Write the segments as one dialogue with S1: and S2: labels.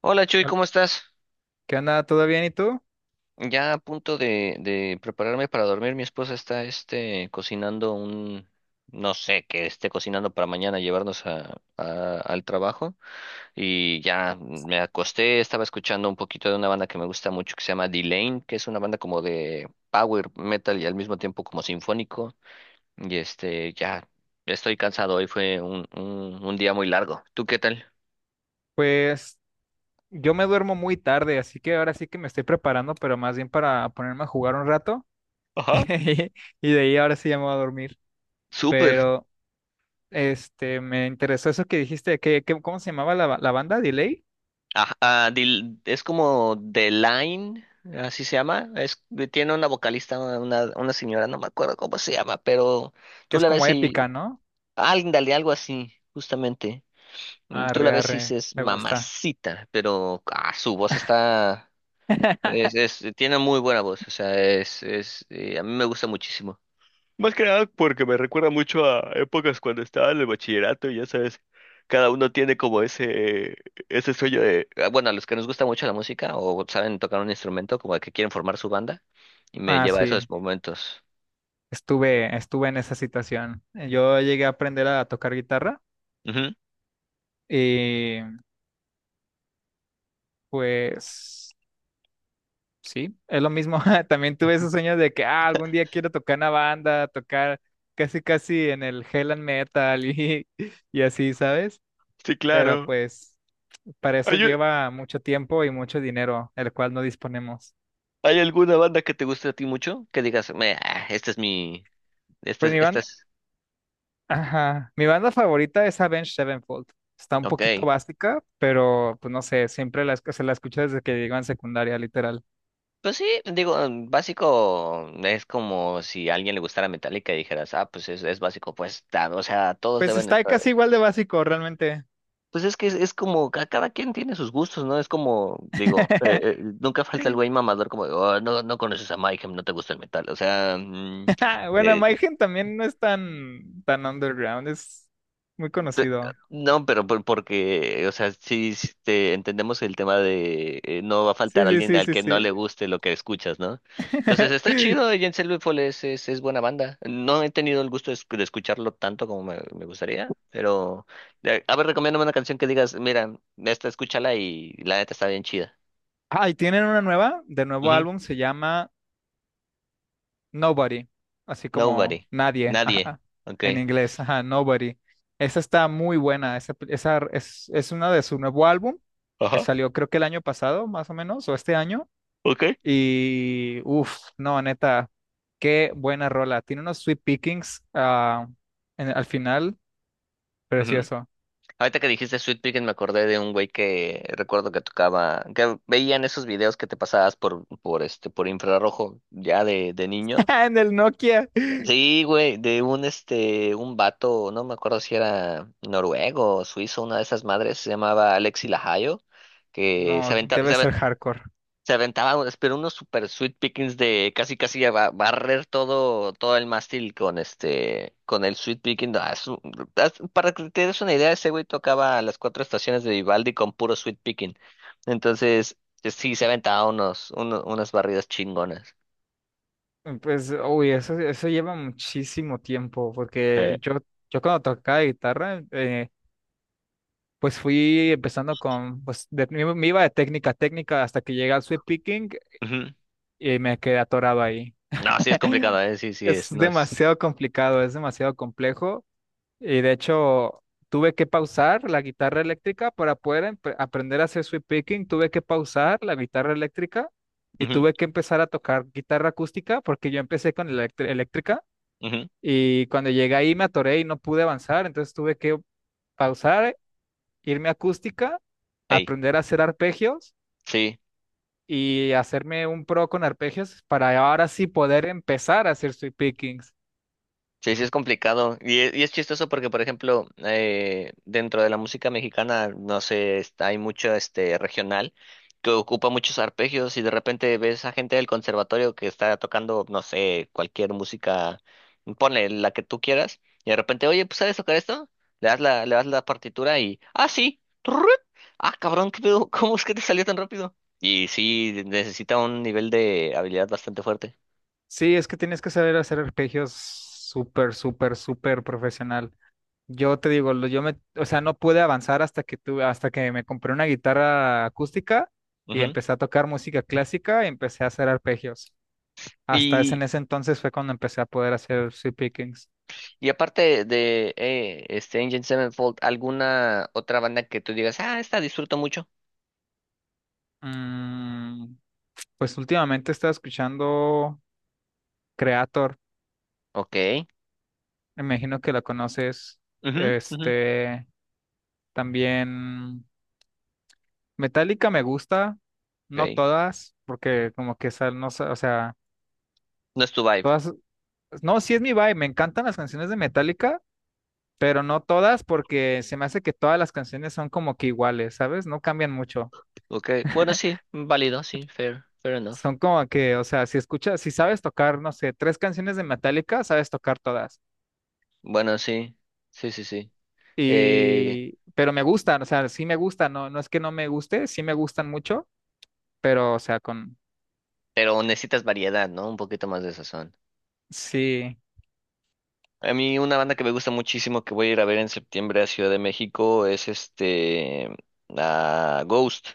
S1: Hola, Chuy,
S2: Hol-
S1: ¿cómo estás?
S2: ¿Qué onda? ¿Todo bien? ¿Y tú?
S1: Ya a punto de prepararme para dormir. Mi esposa está cocinando un, no sé, que esté cocinando para mañana llevarnos al trabajo. Y ya me acosté, estaba escuchando un poquito de una banda que me gusta mucho que se llama D-Lane, que es una banda como de power metal y al mismo tiempo como sinfónico. Ya estoy cansado, hoy fue un día muy largo. ¿Tú qué tal?
S2: Pues yo me duermo muy tarde, así que ahora sí que me estoy preparando, pero más bien para ponerme a jugar un rato.
S1: Ajá.
S2: Y de ahí ahora sí ya me voy a dormir.
S1: Súper.
S2: Pero me interesó eso que dijiste, ¿cómo se llamaba la banda? Delay,
S1: Ajá, ah, es como The Line, así se llama. Es, tiene una vocalista, una señora, no me acuerdo cómo se llama, pero
S2: que
S1: tú
S2: es
S1: la
S2: como
S1: ves y…
S2: épica, ¿no?
S1: Ándale, algo así, justamente. Mm, tú la
S2: Arre,
S1: ves y
S2: arre,
S1: dices
S2: me gusta.
S1: mamacita, pero ah, su voz está… tiene muy buena voz, o sea, a mí me gusta muchísimo. Más que nada porque me recuerda mucho a épocas cuando estaba en el bachillerato y ya sabes, cada uno tiene como ese sueño de… Ah, bueno, a los que nos gusta mucho la música o saben tocar un instrumento, como que quieren formar su banda, y me
S2: Ah,
S1: lleva a
S2: sí,
S1: esos momentos.
S2: estuve en esa situación. Yo llegué a aprender a tocar guitarra
S1: Ujú.
S2: y pues sí, es lo mismo. También tuve esos sueños de que ah, algún día quiero tocar una banda, tocar casi casi en el Hell and Metal y así, ¿sabes?
S1: Sí,
S2: Pero
S1: claro.
S2: pues para eso
S1: ¿Hay,
S2: lleva mucho tiempo y mucho dinero, el cual no disponemos.
S1: hay alguna banda que te guste a ti mucho? Que digas, me, ah, este es mi, esta
S2: Pues
S1: es-
S2: mi
S1: este
S2: banda,
S1: es…
S2: ajá, mi banda favorita es Avenged Sevenfold. Está un poquito
S1: Ok.
S2: básica, pero pues no sé, siempre se la escucho desde que llego en secundaria, literal.
S1: Pues sí, digo, en básico mm, es como si a alguien le gustara Metallica y dijeras, ah, pues es básico, pues, ta-, o sea, todos
S2: Pues
S1: deben…
S2: está casi igual de básico, realmente.
S1: Pues es que es como, ca-, cada quien tiene sus gustos, ¿no? Es como, digo, nunca falta el güey mamador como, de: "Oh, no, no conoces a Mayhem, no te gusta el metal, o sea, mm…".
S2: Ah, bueno,
S1: eh, eh,
S2: Mayhem también no es tan, tan underground, es muy
S1: pe-
S2: conocido.
S1: no, pero porque, o sea, sí, este, entendemos el tema de no va a faltar
S2: Sí, sí,
S1: alguien
S2: sí,
S1: al
S2: sí,
S1: que no
S2: sí.
S1: le guste lo que escuchas, ¿no? Entonces está chido, Jens Lethal es buena banda, no he tenido el gusto de, de escucharlo tanto como me gustaría, pero, a ver, recomiéndame una canción que digas, mira, esta escúchala y la neta está bien chida.
S2: Ah, y tienen una nueva, de nuevo
S1: Ujú.
S2: álbum, se llama Nobody, así como
S1: Nobody.
S2: nadie,
S1: Nadie.
S2: ajá,
S1: Ok.
S2: en inglés, ajá, Nobody. Esa está muy buena, esa es una de su nuevo álbum, que
S1: Ajá,
S2: salió creo que el año pasado, más o menos, o este año,
S1: ok.
S2: y uff, no, neta, qué buena rola. Tiene unos sweet pickings ah, al final,
S1: Ujú.
S2: precioso.
S1: Ahorita que dijiste Sweet Pickin' me acordé de un güey que recuerdo que tocaba, que veían esos videos que te pasabas por infrarrojo ya de niño.
S2: Ah, en el Nokia.
S1: Sí, güey, de un este, un vato, no me acuerdo si era noruego o suizo, una de esas madres, se llamaba Alexi Lahayo, que se
S2: No,
S1: aventaba…
S2: debe ser hardcore.
S1: Se aventaba unos, pero unos super sweet pickings de casi casi a barrer todo, todo el mástil con este, con el sweet picking. Ah, para que te des una idea, ese güey tocaba las cuatro estaciones de Vivaldi con puro sweet picking. Entonces, sí, se aventaba unas barridas chingonas.
S2: Pues, uy, eso lleva muchísimo tiempo,
S1: Eh,
S2: porque yo cuando tocaba guitarra, pues fui empezando con, pues me iba de técnica a técnica hasta que llegué al sweep picking
S1: Ujú.
S2: y me quedé atorado ahí.
S1: No, sí es complicado, sí, sí es,
S2: Es
S1: no es…
S2: demasiado complicado, es demasiado complejo. Y de hecho, tuve que pausar la guitarra eléctrica para poder aprender a hacer sweep picking. Tuve que pausar la guitarra eléctrica y
S1: Ujú,
S2: tuve que empezar a tocar guitarra acústica porque yo empecé con eléctrica
S1: ujú.
S2: y cuando llegué ahí me atoré y no pude avanzar. Entonces tuve que pausar, irme a acústica,
S1: Ey,
S2: aprender a hacer arpegios
S1: sí.
S2: y hacerme un pro con arpegios para ahora sí poder empezar a hacer sweep pickings.
S1: Sí, sí es complicado. Y y es chistoso porque, por ejemplo, dentro de la música mexicana, no sé, hay mucho este regional que ocupa muchos arpegios y de repente ves a gente del conservatorio que está tocando, no sé, cualquier música, ponle la que tú quieras, y de repente, oye, pues ¿sabes tocar esto? Le das le das la partitura y, ah, sí, Turrut… Ah, cabrón, ¿qué pedo? ¿Cómo es que te salió tan rápido? Y sí, necesita un nivel de habilidad bastante fuerte.
S2: Sí, es que tienes que saber hacer arpegios súper, súper, súper profesional. Yo te digo, o sea, no pude avanzar hasta que me compré una guitarra acústica y
S1: Ujú.
S2: empecé a tocar música clásica y empecé a hacer arpegios. En ese entonces fue cuando empecé a poder hacer sweep pickings.
S1: Y aparte de este Engine Sevenfold, ¿alguna otra banda que tú digas, ah, esta disfruto mucho?
S2: Mm, pues últimamente estaba escuchando Creator,
S1: Ok,
S2: me imagino que la conoces.
S1: ujú, ujú,
S2: Este, también Metallica me gusta, no
S1: ok.
S2: todas, porque como que no, o sea,
S1: No es tu vibe.
S2: todas no, sí es mi vibe. Me encantan las canciones de Metallica, pero no todas porque se me hace que todas las canciones son como que iguales, ¿sabes? No cambian mucho.
S1: Ok, bueno, sí, válido, sí, fair, fair enough.
S2: Son como que, o sea, si escuchas, si sabes tocar, no sé, tres canciones de Metallica, sabes tocar todas.
S1: Bueno, sí, sí, sí, sí. Eh,
S2: Y, pero me gustan, o sea, sí me gustan, no, no es que no me guste, sí me gustan mucho, pero, o sea, con,
S1: pero necesitas variedad, ¿no? Un poquito más de sazón.
S2: sí,
S1: A mí una banda que me gusta muchísimo que voy a ir a ver en septiembre a Ciudad de México es este a Ghost.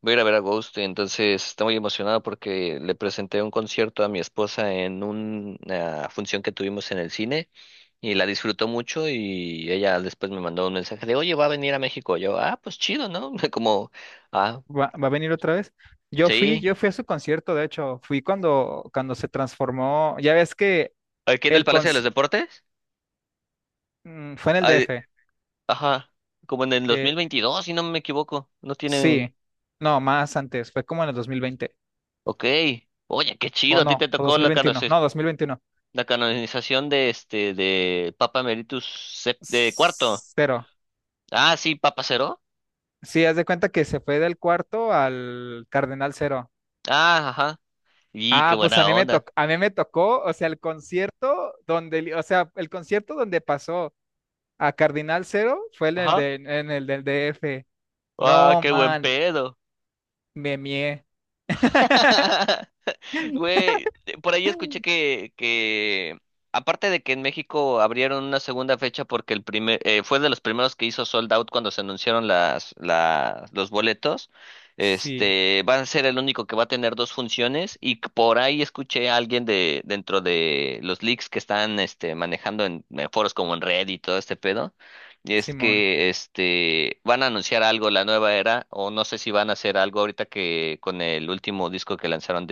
S1: Voy a ir a ver a Ghost, entonces estoy muy emocionado porque le presenté un concierto a mi esposa en una función que tuvimos en el cine y la disfrutó mucho y ella después me mandó un mensaje de, oye, va a venir a México. Yo, ah, pues chido, ¿no? Como, ah,
S2: va a venir otra vez. Yo fui,
S1: sí.
S2: yo fui a su concierto, de hecho, fui cuando se transformó, ya ves que
S1: Aquí en el
S2: el,
S1: Palacio de los
S2: conci-
S1: Deportes.
S2: fue en el
S1: Ay,
S2: DF,
S1: ajá, como en el
S2: eh,
S1: 2022, si no me equivoco. No tiene…
S2: sí, no, más antes, fue como en el 2020
S1: Ok, oye, qué
S2: o
S1: chido, a ti
S2: no,
S1: te
S2: o dos
S1: tocó
S2: mil
S1: la,
S2: veintiuno no, 2021
S1: la canonización de este, de Papa Emeritus de cuarto.
S2: cero.
S1: Ah, sí, Papa Cero.
S2: Sí, haz de cuenta que se fue del cuarto al Cardenal cero.
S1: Ah, ajá. Y qué
S2: Ah, pues a
S1: buena
S2: mí me
S1: onda.
S2: tocó, a mí me tocó, o sea, el concierto donde pasó a Cardinal cero fue en el
S1: Ajá.
S2: de, en el del DF.
S1: Ah,
S2: No,
S1: qué buen
S2: man,
S1: pedo.
S2: me mié.
S1: Güey, por ahí escuché que aparte de que en México abrieron una segunda fecha porque el primer, fue de los primeros que hizo sold out cuando se anunciaron los boletos,
S2: Sí,
S1: este, va a ser el único que va a tener dos funciones y que por ahí escuché a alguien de dentro de los leaks que están este, manejando en foros como en Reddit y todo este pedo. Y es
S2: Simón,
S1: que este van a anunciar algo la nueva era o no sé si van a hacer algo ahorita que con el último disco que lanzaron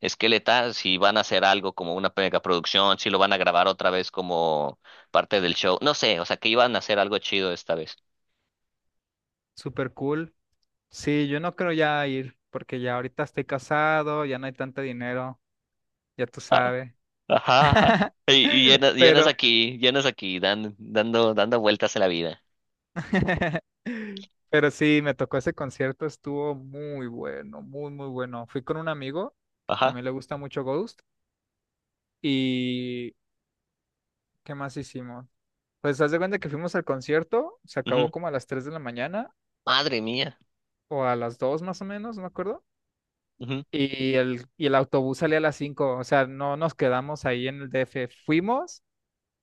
S1: esqueleta, si van a hacer algo como una mega producción, si lo van a grabar otra vez como parte del show, no sé, o sea, que iban a hacer algo chido esta vez.
S2: super cool. Sí, yo no creo ya ir, porque ya ahorita estoy casado, ya no hay tanto dinero. Ya tú
S1: Ah,
S2: sabes.
S1: ajá, ajá. Y llenas,
S2: Pero,
S1: llenas aquí, dan, dando, dando vueltas a la vida.
S2: pero sí, me tocó ese concierto, estuvo muy bueno, muy, muy bueno. Fui con un amigo que
S1: Ajá.
S2: también le gusta mucho Ghost. ¿Y qué más hicimos? Pues haz de cuenta que fuimos al concierto, se acabó
S1: Ujú.
S2: como a las 3 de la mañana
S1: Madre mía.
S2: o a las 2 más o menos, no me acuerdo.
S1: Ujú.
S2: Y el autobús salía a las cinco, o sea, no nos quedamos ahí en el DF, fuimos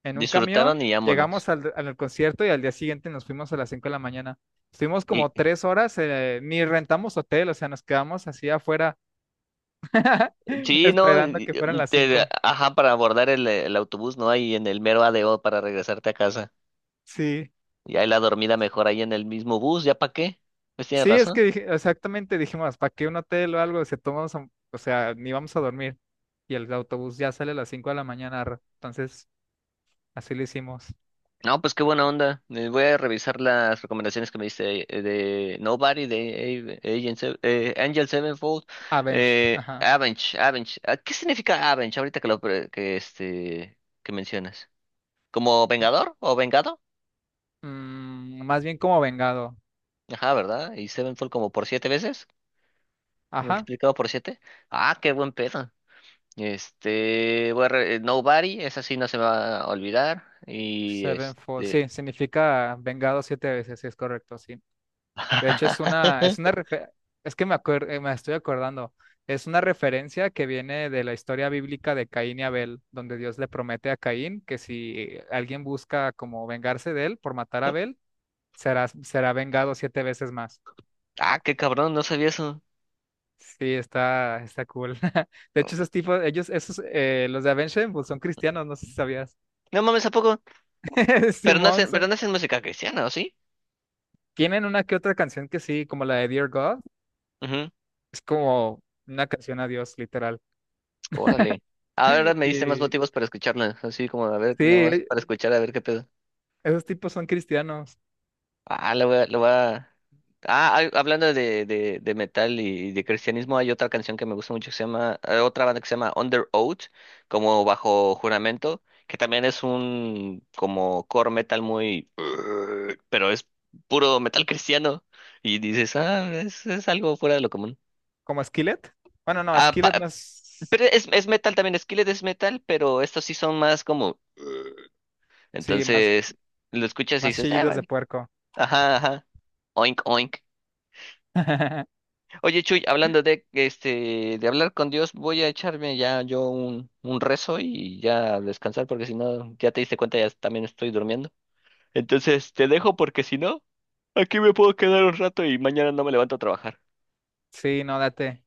S2: en un camión,
S1: Disfrutaron y vámonos.
S2: llegamos al concierto y al día siguiente nos fuimos a las 5 de la mañana. Estuvimos
S1: Y,
S2: como tres horas, ni rentamos hotel, o sea, nos quedamos así afuera
S1: sí, no,
S2: esperando que fueran las cinco.
S1: ajá, para abordar el autobús, ¿no? Hay en el mero ADO para regresarte a casa.
S2: Sí,
S1: Y ahí la dormida mejor ahí en el mismo bus, ¿ya para qué? Pues tienes
S2: sí, es
S1: razón.
S2: que exactamente dijimos, ¿para qué un hotel o algo? Si tomamos, o sea, ni vamos a dormir. Y el autobús ya sale a las 5 de la mañana, entonces así lo hicimos.
S1: No, pues qué buena onda. Voy a revisar las recomendaciones que me diste de Nobody, de Angel Sevenfold,
S2: Avenged, ajá.
S1: Avenge, Avenge. Ah, ¿qué significa Avenge ahorita que lo pre- que este que mencionas? ¿Como vengador o vengado?
S2: Más bien como vengado.
S1: Ajá, ¿verdad? Y Sevenfold como por siete veces,
S2: Ajá.
S1: multiplicado por siete. Ah, qué buen pedo. Este, Nobody, esa sí no se me va a olvidar. Y
S2: Sevenfold.
S1: este…
S2: Sí, significa vengado siete veces, sí, es correcto, sí. De hecho, es una, es que me acuer- me estoy acordando, es una referencia que viene de la historia bíblica de Caín y Abel, donde Dios le promete a Caín que si alguien busca como vengarse de él por matar a Abel, será vengado siete veces más.
S1: Ah, qué cabrón, no sabía eso.
S2: Sí, está cool. De hecho, esos tipos, ellos, esos, los de Avenged Sevenfold son cristianos, no sé si sabías.
S1: No mames, ¿a poco?
S2: Simón,
S1: Pero no hacen música cristiana, ¿o sí?
S2: tienen una que otra canción que sí, como la de Dear God,
S1: Ujú.
S2: es como una canción a Dios, literal.
S1: Órale. Ahora me diste más
S2: Y-
S1: motivos para escucharla. Así como, a ver, nada más
S2: Sí,
S1: para escuchar, a ver qué pedo.
S2: esos tipos son cristianos,
S1: Ah, lo voy a, lo voy a… Ah, hablando de metal y de cristianismo, hay otra canción que me gusta mucho que se llama, otra banda que se llama Under Oath, como bajo juramento, que también es un como core metal muy, pero es puro metal cristiano. Y dices, ah, es algo fuera de lo común.
S2: como Skillet. Bueno, no,
S1: Ah,
S2: Skillet más,
S1: pero es metal también, Skillet es metal, pero estos sí son más como…
S2: sí, más,
S1: Entonces, lo escuchas y
S2: más
S1: dices, ah,
S2: chillidos de
S1: vale.
S2: puerco.
S1: Ajá, ajá. Oink, oink. Oye, Chuy, hablando de hablar con Dios, voy a echarme ya yo un rezo y ya a descansar, porque si no, ya te diste cuenta, ya también estoy durmiendo. Entonces, te dejo porque si no, aquí me puedo quedar un rato y mañana no me levanto a trabajar.
S2: Sí, no, date.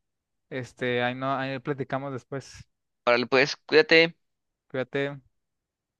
S2: Ahí no, ahí platicamos después.
S1: Órale, pues, cuídate.
S2: Cuídate.